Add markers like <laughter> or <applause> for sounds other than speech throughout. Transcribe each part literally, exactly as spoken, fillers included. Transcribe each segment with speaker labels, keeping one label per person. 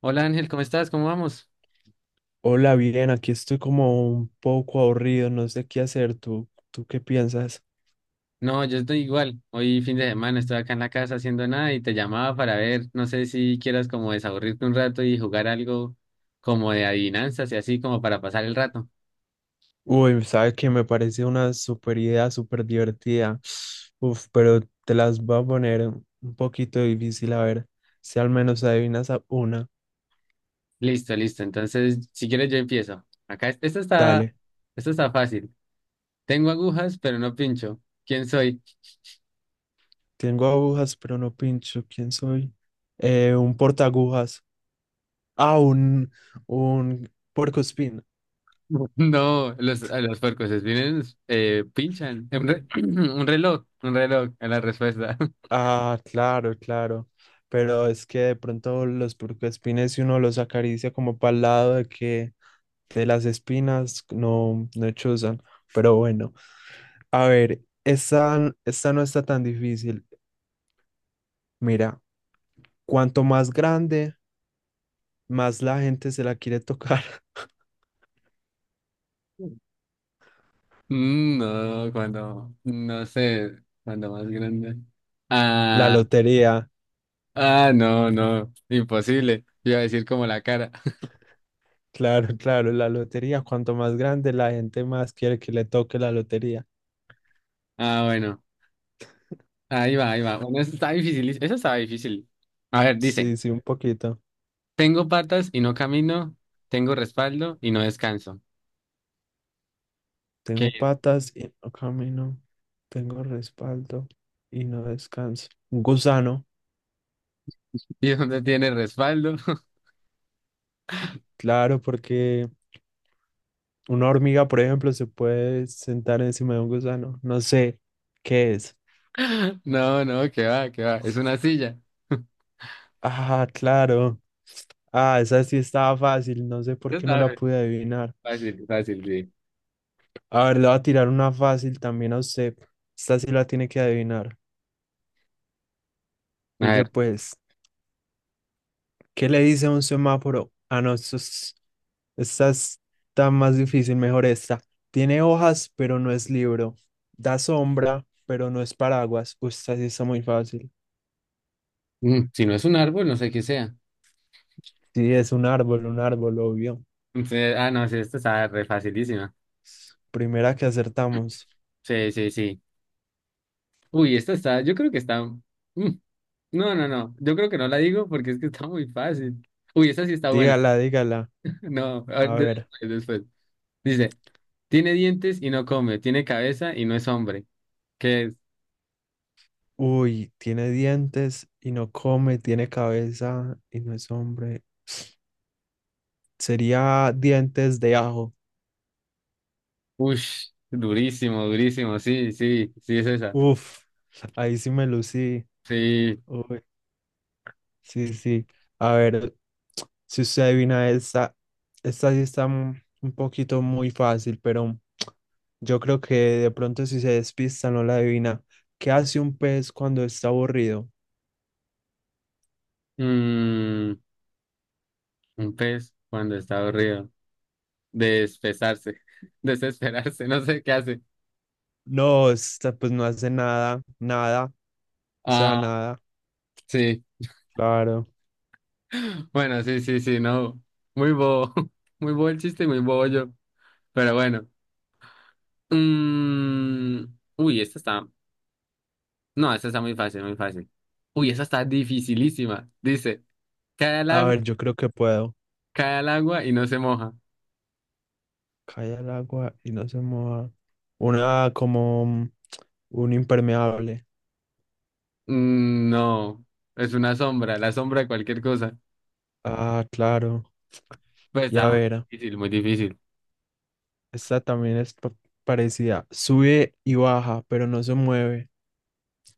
Speaker 1: Hola Ángel, ¿cómo estás? ¿Cómo vamos?
Speaker 2: Hola, bien, aquí estoy como un poco aburrido, no sé qué hacer. ¿Tú, tú qué piensas?
Speaker 1: No, yo estoy igual. Hoy fin de semana estoy acá en la casa haciendo nada y te llamaba para ver, no sé si quieras como desaburrirte un rato y jugar algo como de adivinanzas y así como para pasar el rato.
Speaker 2: Uy, sabes que me parece una super idea, súper divertida. Uf, pero te las voy a poner un poquito difícil, a ver si al menos adivinas a una.
Speaker 1: Listo, listo. Entonces, si quieres yo empiezo. Acá es- esto está,
Speaker 2: Dale,
Speaker 1: esto está fácil. Tengo agujas, pero no pincho. ¿Quién soy?
Speaker 2: tengo agujas, pero no pincho. ¿Quién soy? Eh, un portaagujas. Ah, un, un puercoespín.
Speaker 1: <laughs> No, los, a los puercos espines eh, pinchan. Un, re- <clears throat> un reloj, un reloj, es la respuesta.
Speaker 2: Ah, claro, claro. Pero es que de pronto los puercoespines, si uno los acaricia como para el lado de que de las espinas, no, no chuzan. Pero bueno, a ver, esta, esta no está tan difícil. Mira, cuanto más grande, más la gente se la quiere tocar. <laughs>
Speaker 1: <laughs> Mm, No, cuando, no sé, cuando más grande.
Speaker 2: La
Speaker 1: Ah,
Speaker 2: lotería,
Speaker 1: ah, no, no, imposible. Iba a decir como la cara. <laughs>
Speaker 2: claro, claro, la lotería. Cuanto más grande, la gente más quiere que le toque la lotería.
Speaker 1: Ah, bueno, ahí va, ahí va. Bueno, eso está difícil, eso estaba difícil. A ver, dice,
Speaker 2: Sí, sí, un poquito.
Speaker 1: tengo patas y no camino, tengo respaldo y no descanso.
Speaker 2: Tengo
Speaker 1: ¿Qué?
Speaker 2: patas y no camino. Tengo respaldo y no descanso. Un gusano,
Speaker 1: <laughs> ¿Y dónde tiene respaldo?
Speaker 2: claro, porque una hormiga, por ejemplo, se puede sentar encima de un gusano. No sé qué es.
Speaker 1: <laughs> No, no, que va, que va, es una silla. <laughs>
Speaker 2: Ah, claro. Ah, esa sí estaba fácil. No sé por
Speaker 1: Eso
Speaker 2: qué no
Speaker 1: estaba
Speaker 2: la
Speaker 1: fe-
Speaker 2: pude adivinar.
Speaker 1: fácil, fácil, sí.
Speaker 2: A ver, le voy a tirar una fácil también a usted. Esta sí la tiene que adivinar.
Speaker 1: A
Speaker 2: Pille
Speaker 1: ver,
Speaker 2: pues. ¿Qué le dice un semáforo? Ah, no, esto es- esta está más difícil, mejor esta. Tiene hojas, pero no es libro. Da sombra, pero no es paraguas. Uy, esta sí está muy fácil.
Speaker 1: mm, si no es un árbol, no sé qué sea.
Speaker 2: Sí, es un árbol, un árbol, obvio.
Speaker 1: Entonces, ah, no, sí, esto está re facilísima.
Speaker 2: Primera que acertamos.
Speaker 1: Sí, sí, sí. Uy, esta está, yo creo que está. mm, No, no, no. Yo creo que no la digo porque es que está muy fácil. Uy, esta sí está buena.
Speaker 2: Dígala, dígala.
Speaker 1: <laughs> No, a ver,
Speaker 2: A ver.
Speaker 1: después, después. Dice, tiene dientes y no come, tiene cabeza y no es hombre. ¿Qué es,
Speaker 2: Uy, tiene dientes y no come, tiene cabeza y no es hombre. Sería dientes de ajo.
Speaker 1: ush, durísimo, durísimo. Sí, sí, sí es esa.
Speaker 2: Uf, ahí sí me lucí.
Speaker 1: Sí.
Speaker 2: Uy, sí, sí. A ver, si usted adivina esta, esta sí está un un poquito muy fácil, pero yo creo que de pronto si se despista no la adivina. ¿Qué hace un pez cuando está aburrido?
Speaker 1: Mm, un pez cuando está aburrido. Despesarse, <laughs> desesperarse, no sé qué hace.
Speaker 2: No, esta pues no hace nada, nada, o sea,
Speaker 1: Ah,
Speaker 2: nada.
Speaker 1: sí.
Speaker 2: Claro.
Speaker 1: Bueno, sí, sí, sí, no. Muy bobo. <laughs> Muy bobo el chiste y muy bobo yo. Pero bueno. Mm, Uy, esta está. No, esta está muy fácil, muy fácil. Uy, esta está dificilísima. Dice, cae al
Speaker 2: A
Speaker 1: agua,
Speaker 2: ver, yo creo que puedo.
Speaker 1: cae al agua y no se moja.
Speaker 2: Cae al agua y no se mueva. Una como un un impermeable.
Speaker 1: Mm, no, es una sombra, la sombra de cualquier cosa.
Speaker 2: Ah, claro.
Speaker 1: Pues
Speaker 2: Y
Speaker 1: está
Speaker 2: a
Speaker 1: muy
Speaker 2: ver,
Speaker 1: difícil, muy difícil.
Speaker 2: esta también es pa- parecida. Sube y baja, pero no se mueve.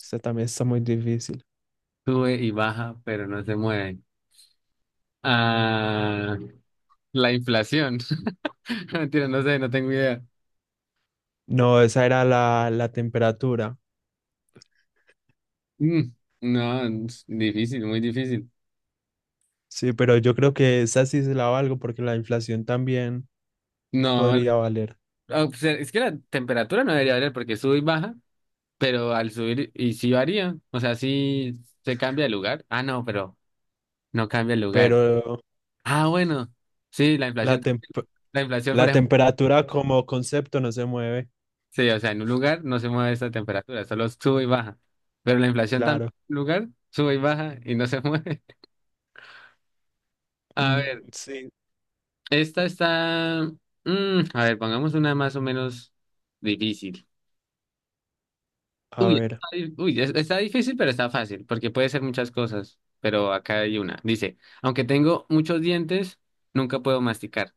Speaker 2: Esta también está muy difícil.
Speaker 1: Sube y baja, pero no se mueve. Ah, la inflación. <laughs> Mentira, no sé, no tengo idea.
Speaker 2: No, esa era la, la temperatura.
Speaker 1: Mm, no, es difícil, muy difícil.
Speaker 2: Sí, pero yo creo que esa sí se la valgo porque la inflación también
Speaker 1: No, la-
Speaker 2: podría valer.
Speaker 1: ah, o sea, es que la temperatura no debería variar porque sube y baja, pero al subir y sí varía, o sea, sí se cambia de lugar. Ah, no, pero no cambia el lugar.
Speaker 2: Pero
Speaker 1: Ah, bueno, sí, la
Speaker 2: la,
Speaker 1: inflación,
Speaker 2: tem-
Speaker 1: la inflación, por
Speaker 2: la
Speaker 1: ejemplo,
Speaker 2: temperatura como concepto no se mueve,
Speaker 1: sí, o sea, en un lugar no se mueve esa temperatura, solo sube y baja, pero la inflación también
Speaker 2: claro.
Speaker 1: en un lugar sube y baja y no se mueve. <laughs> A
Speaker 2: Mm,
Speaker 1: ver,
Speaker 2: sí,
Speaker 1: esta está, mm, a ver, pongamos una más o menos difícil.
Speaker 2: a
Speaker 1: Uy,
Speaker 2: ver.
Speaker 1: está, uy, es- está difícil, pero está fácil, porque puede ser muchas cosas, pero acá hay una. Dice, aunque tengo muchos dientes, nunca puedo masticar.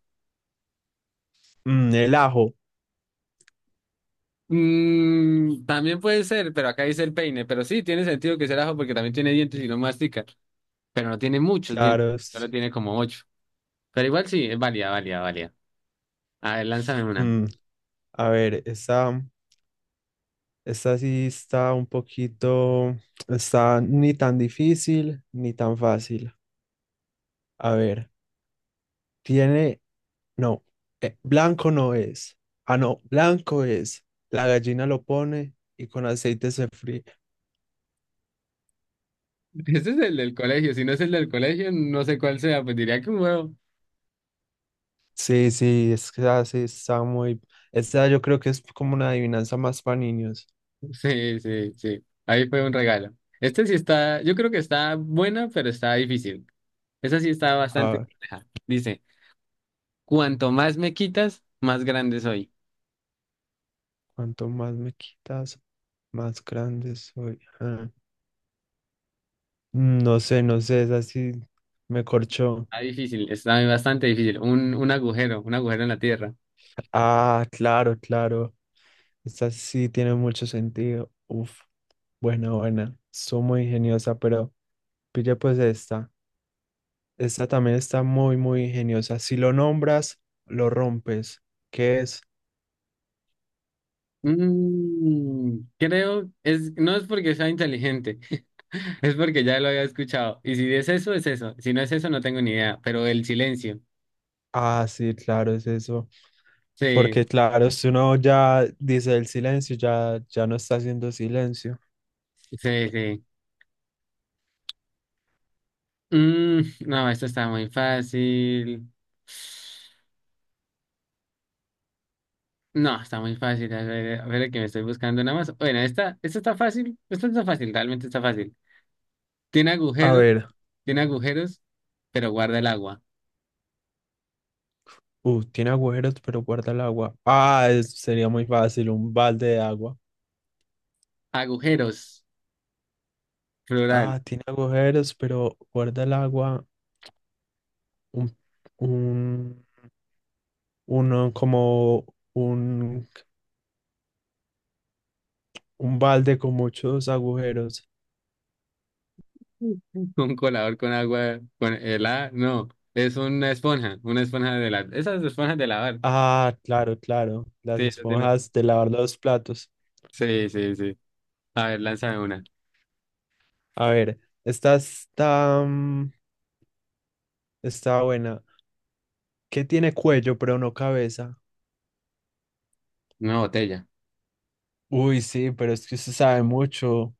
Speaker 2: Mm, el ajo,
Speaker 1: Mm, también puede ser, pero acá dice el peine, pero sí, tiene sentido que sea el ajo porque también tiene dientes y no mastica, pero no tiene muchos dientes,
Speaker 2: claro. Sí.
Speaker 1: solo tiene como ocho. Pero igual sí, es válida, válida, válida. A ver, lánzame una.
Speaker 2: Mm, a ver, esa, esa sí está un poquito, está ni tan difícil ni tan fácil. A ver, tiene No, eh, blanco no es. Ah, no, blanco es. La gallina lo pone y con aceite se fríe.
Speaker 1: <laughs> Este es el del colegio, si no es el del colegio, no sé cuál sea, pues diría que un huevo.
Speaker 2: Sí, sí, es que así está muy... Esta yo creo que es como una adivinanza más para niños.
Speaker 1: Sí, sí, sí. Ahí fue un regalo. Este sí está, yo creo que está buena, pero está difícil. Esa sí está
Speaker 2: A
Speaker 1: bastante
Speaker 2: ver,
Speaker 1: compleja. Dice, cuanto más me quitas, más grande soy.
Speaker 2: cuanto más me quitas, más grande soy. Ah, no sé, no sé, es así, me corchó.
Speaker 1: Está difícil, está bastante difícil. Un, un agujero, un agujero en la tierra.
Speaker 2: Ah, claro, claro. Esta sí tiene mucho sentido. Uf, buena, buena. Soy muy ingeniosa, pero pille pues esta. Esta también está muy, muy ingeniosa. Si lo nombras, lo rompes. ¿Qué es?
Speaker 1: Mm, creo, es, no es porque sea inteligente, <laughs> es porque ya lo había escuchado. Y si es eso, es eso. Si no es eso, no tengo ni idea. Pero el silencio.
Speaker 2: Ah, sí, claro, es eso.
Speaker 1: Sí,
Speaker 2: Porque claro, si uno ya dice el silencio, ya, ya no está haciendo silencio.
Speaker 1: sí, sí. Mm, no, esto está muy fácil. No, está muy fácil. A ver, a ver que me estoy buscando nada más. Bueno, esta, esta está fácil. Esta no está fácil, realmente está fácil. Tiene
Speaker 2: A
Speaker 1: agujeros,
Speaker 2: ver,
Speaker 1: tiene agujeros, pero guarda el agua.
Speaker 2: uh, tiene agujeros, pero guarda el agua. Ah, es- sería muy fácil, un balde de agua.
Speaker 1: Agujeros, plural.
Speaker 2: Ah, tiene agujeros, pero guarda el agua. Un, un, uno como un, un balde con muchos agujeros.
Speaker 1: <laughs> Un colador con agua, con el A, no. Es una esponja, una esponja de la, esas esponjas de lavar.
Speaker 2: Ah, claro, claro. Las
Speaker 1: Sí, esa tiene-
Speaker 2: esponjas de lavar los platos.
Speaker 1: Sí, sí, sí. A ver, lánzame una.
Speaker 2: A ver, esta está, mm, está buena. ¿Qué tiene cuello pero no cabeza?
Speaker 1: Una botella.
Speaker 2: Uy, sí, pero es que usted sabe mucho.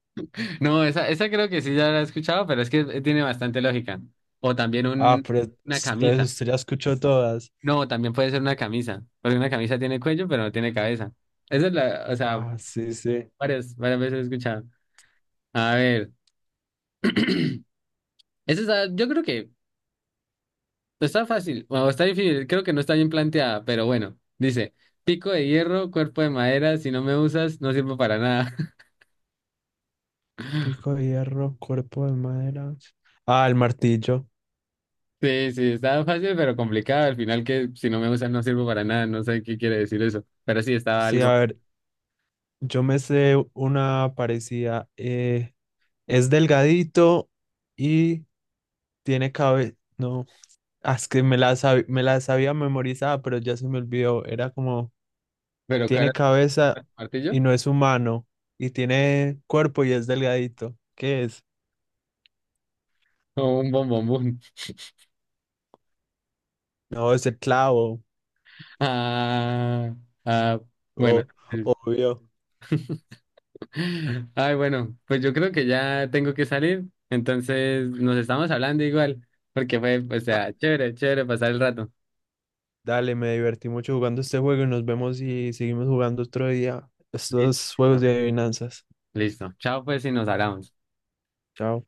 Speaker 1: No, esa, esa creo que sí ya la he escuchado, pero es que eh, tiene bastante lógica. O también
Speaker 2: Ah,
Speaker 1: un,
Speaker 2: pero
Speaker 1: una
Speaker 2: entonces
Speaker 1: camisa.
Speaker 2: usted ya escuchó todas.
Speaker 1: No, también puede ser una camisa, porque una camisa tiene cuello, pero no tiene cabeza. Esa es la, o sea,
Speaker 2: Ah, sí, sí.
Speaker 1: varias, varias veces he escuchado. A ver, eso está, yo creo que está fácil, o está difícil, creo que no está bien planteada, pero bueno, dice, pico de hierro, cuerpo de madera, si no me usas, no sirvo para nada. <laughs>
Speaker 2: Pico de hierro, cuerpo de madera. Ah, el martillo.
Speaker 1: Sí, sí, está fácil, pero complicado. Al final que si no me usas, no sirvo para nada, no sé qué quiere decir eso, pero sí, estaba
Speaker 2: Sí, a
Speaker 1: algo.
Speaker 2: ver, yo me sé una parecida. Eh, es delgadito y tiene cabeza. No. Ah, es que me la, sab- me la sabía memorizada, pero ya se me olvidó. Era como,
Speaker 1: Pero claro,
Speaker 2: tiene cabeza
Speaker 1: ¿martillo?
Speaker 2: y no es humano, y tiene cuerpo y es delgadito. ¿Qué es?
Speaker 1: ¿O un bombombón?
Speaker 2: No, es el clavo.
Speaker 1: Ah, ah, bueno.
Speaker 2: O obvio.
Speaker 1: Ay, bueno, pues yo creo que ya tengo que salir. Entonces nos estamos hablando igual, porque fue, o
Speaker 2: Ah,
Speaker 1: sea, chévere, chévere pasar el rato.
Speaker 2: dale, me divertí mucho jugando este juego y nos vemos y seguimos jugando otro día. Estos juegos
Speaker 1: Listo.
Speaker 2: de adivinanzas.
Speaker 1: Listo. Chao, pues, y nos hablamos.
Speaker 2: Chao.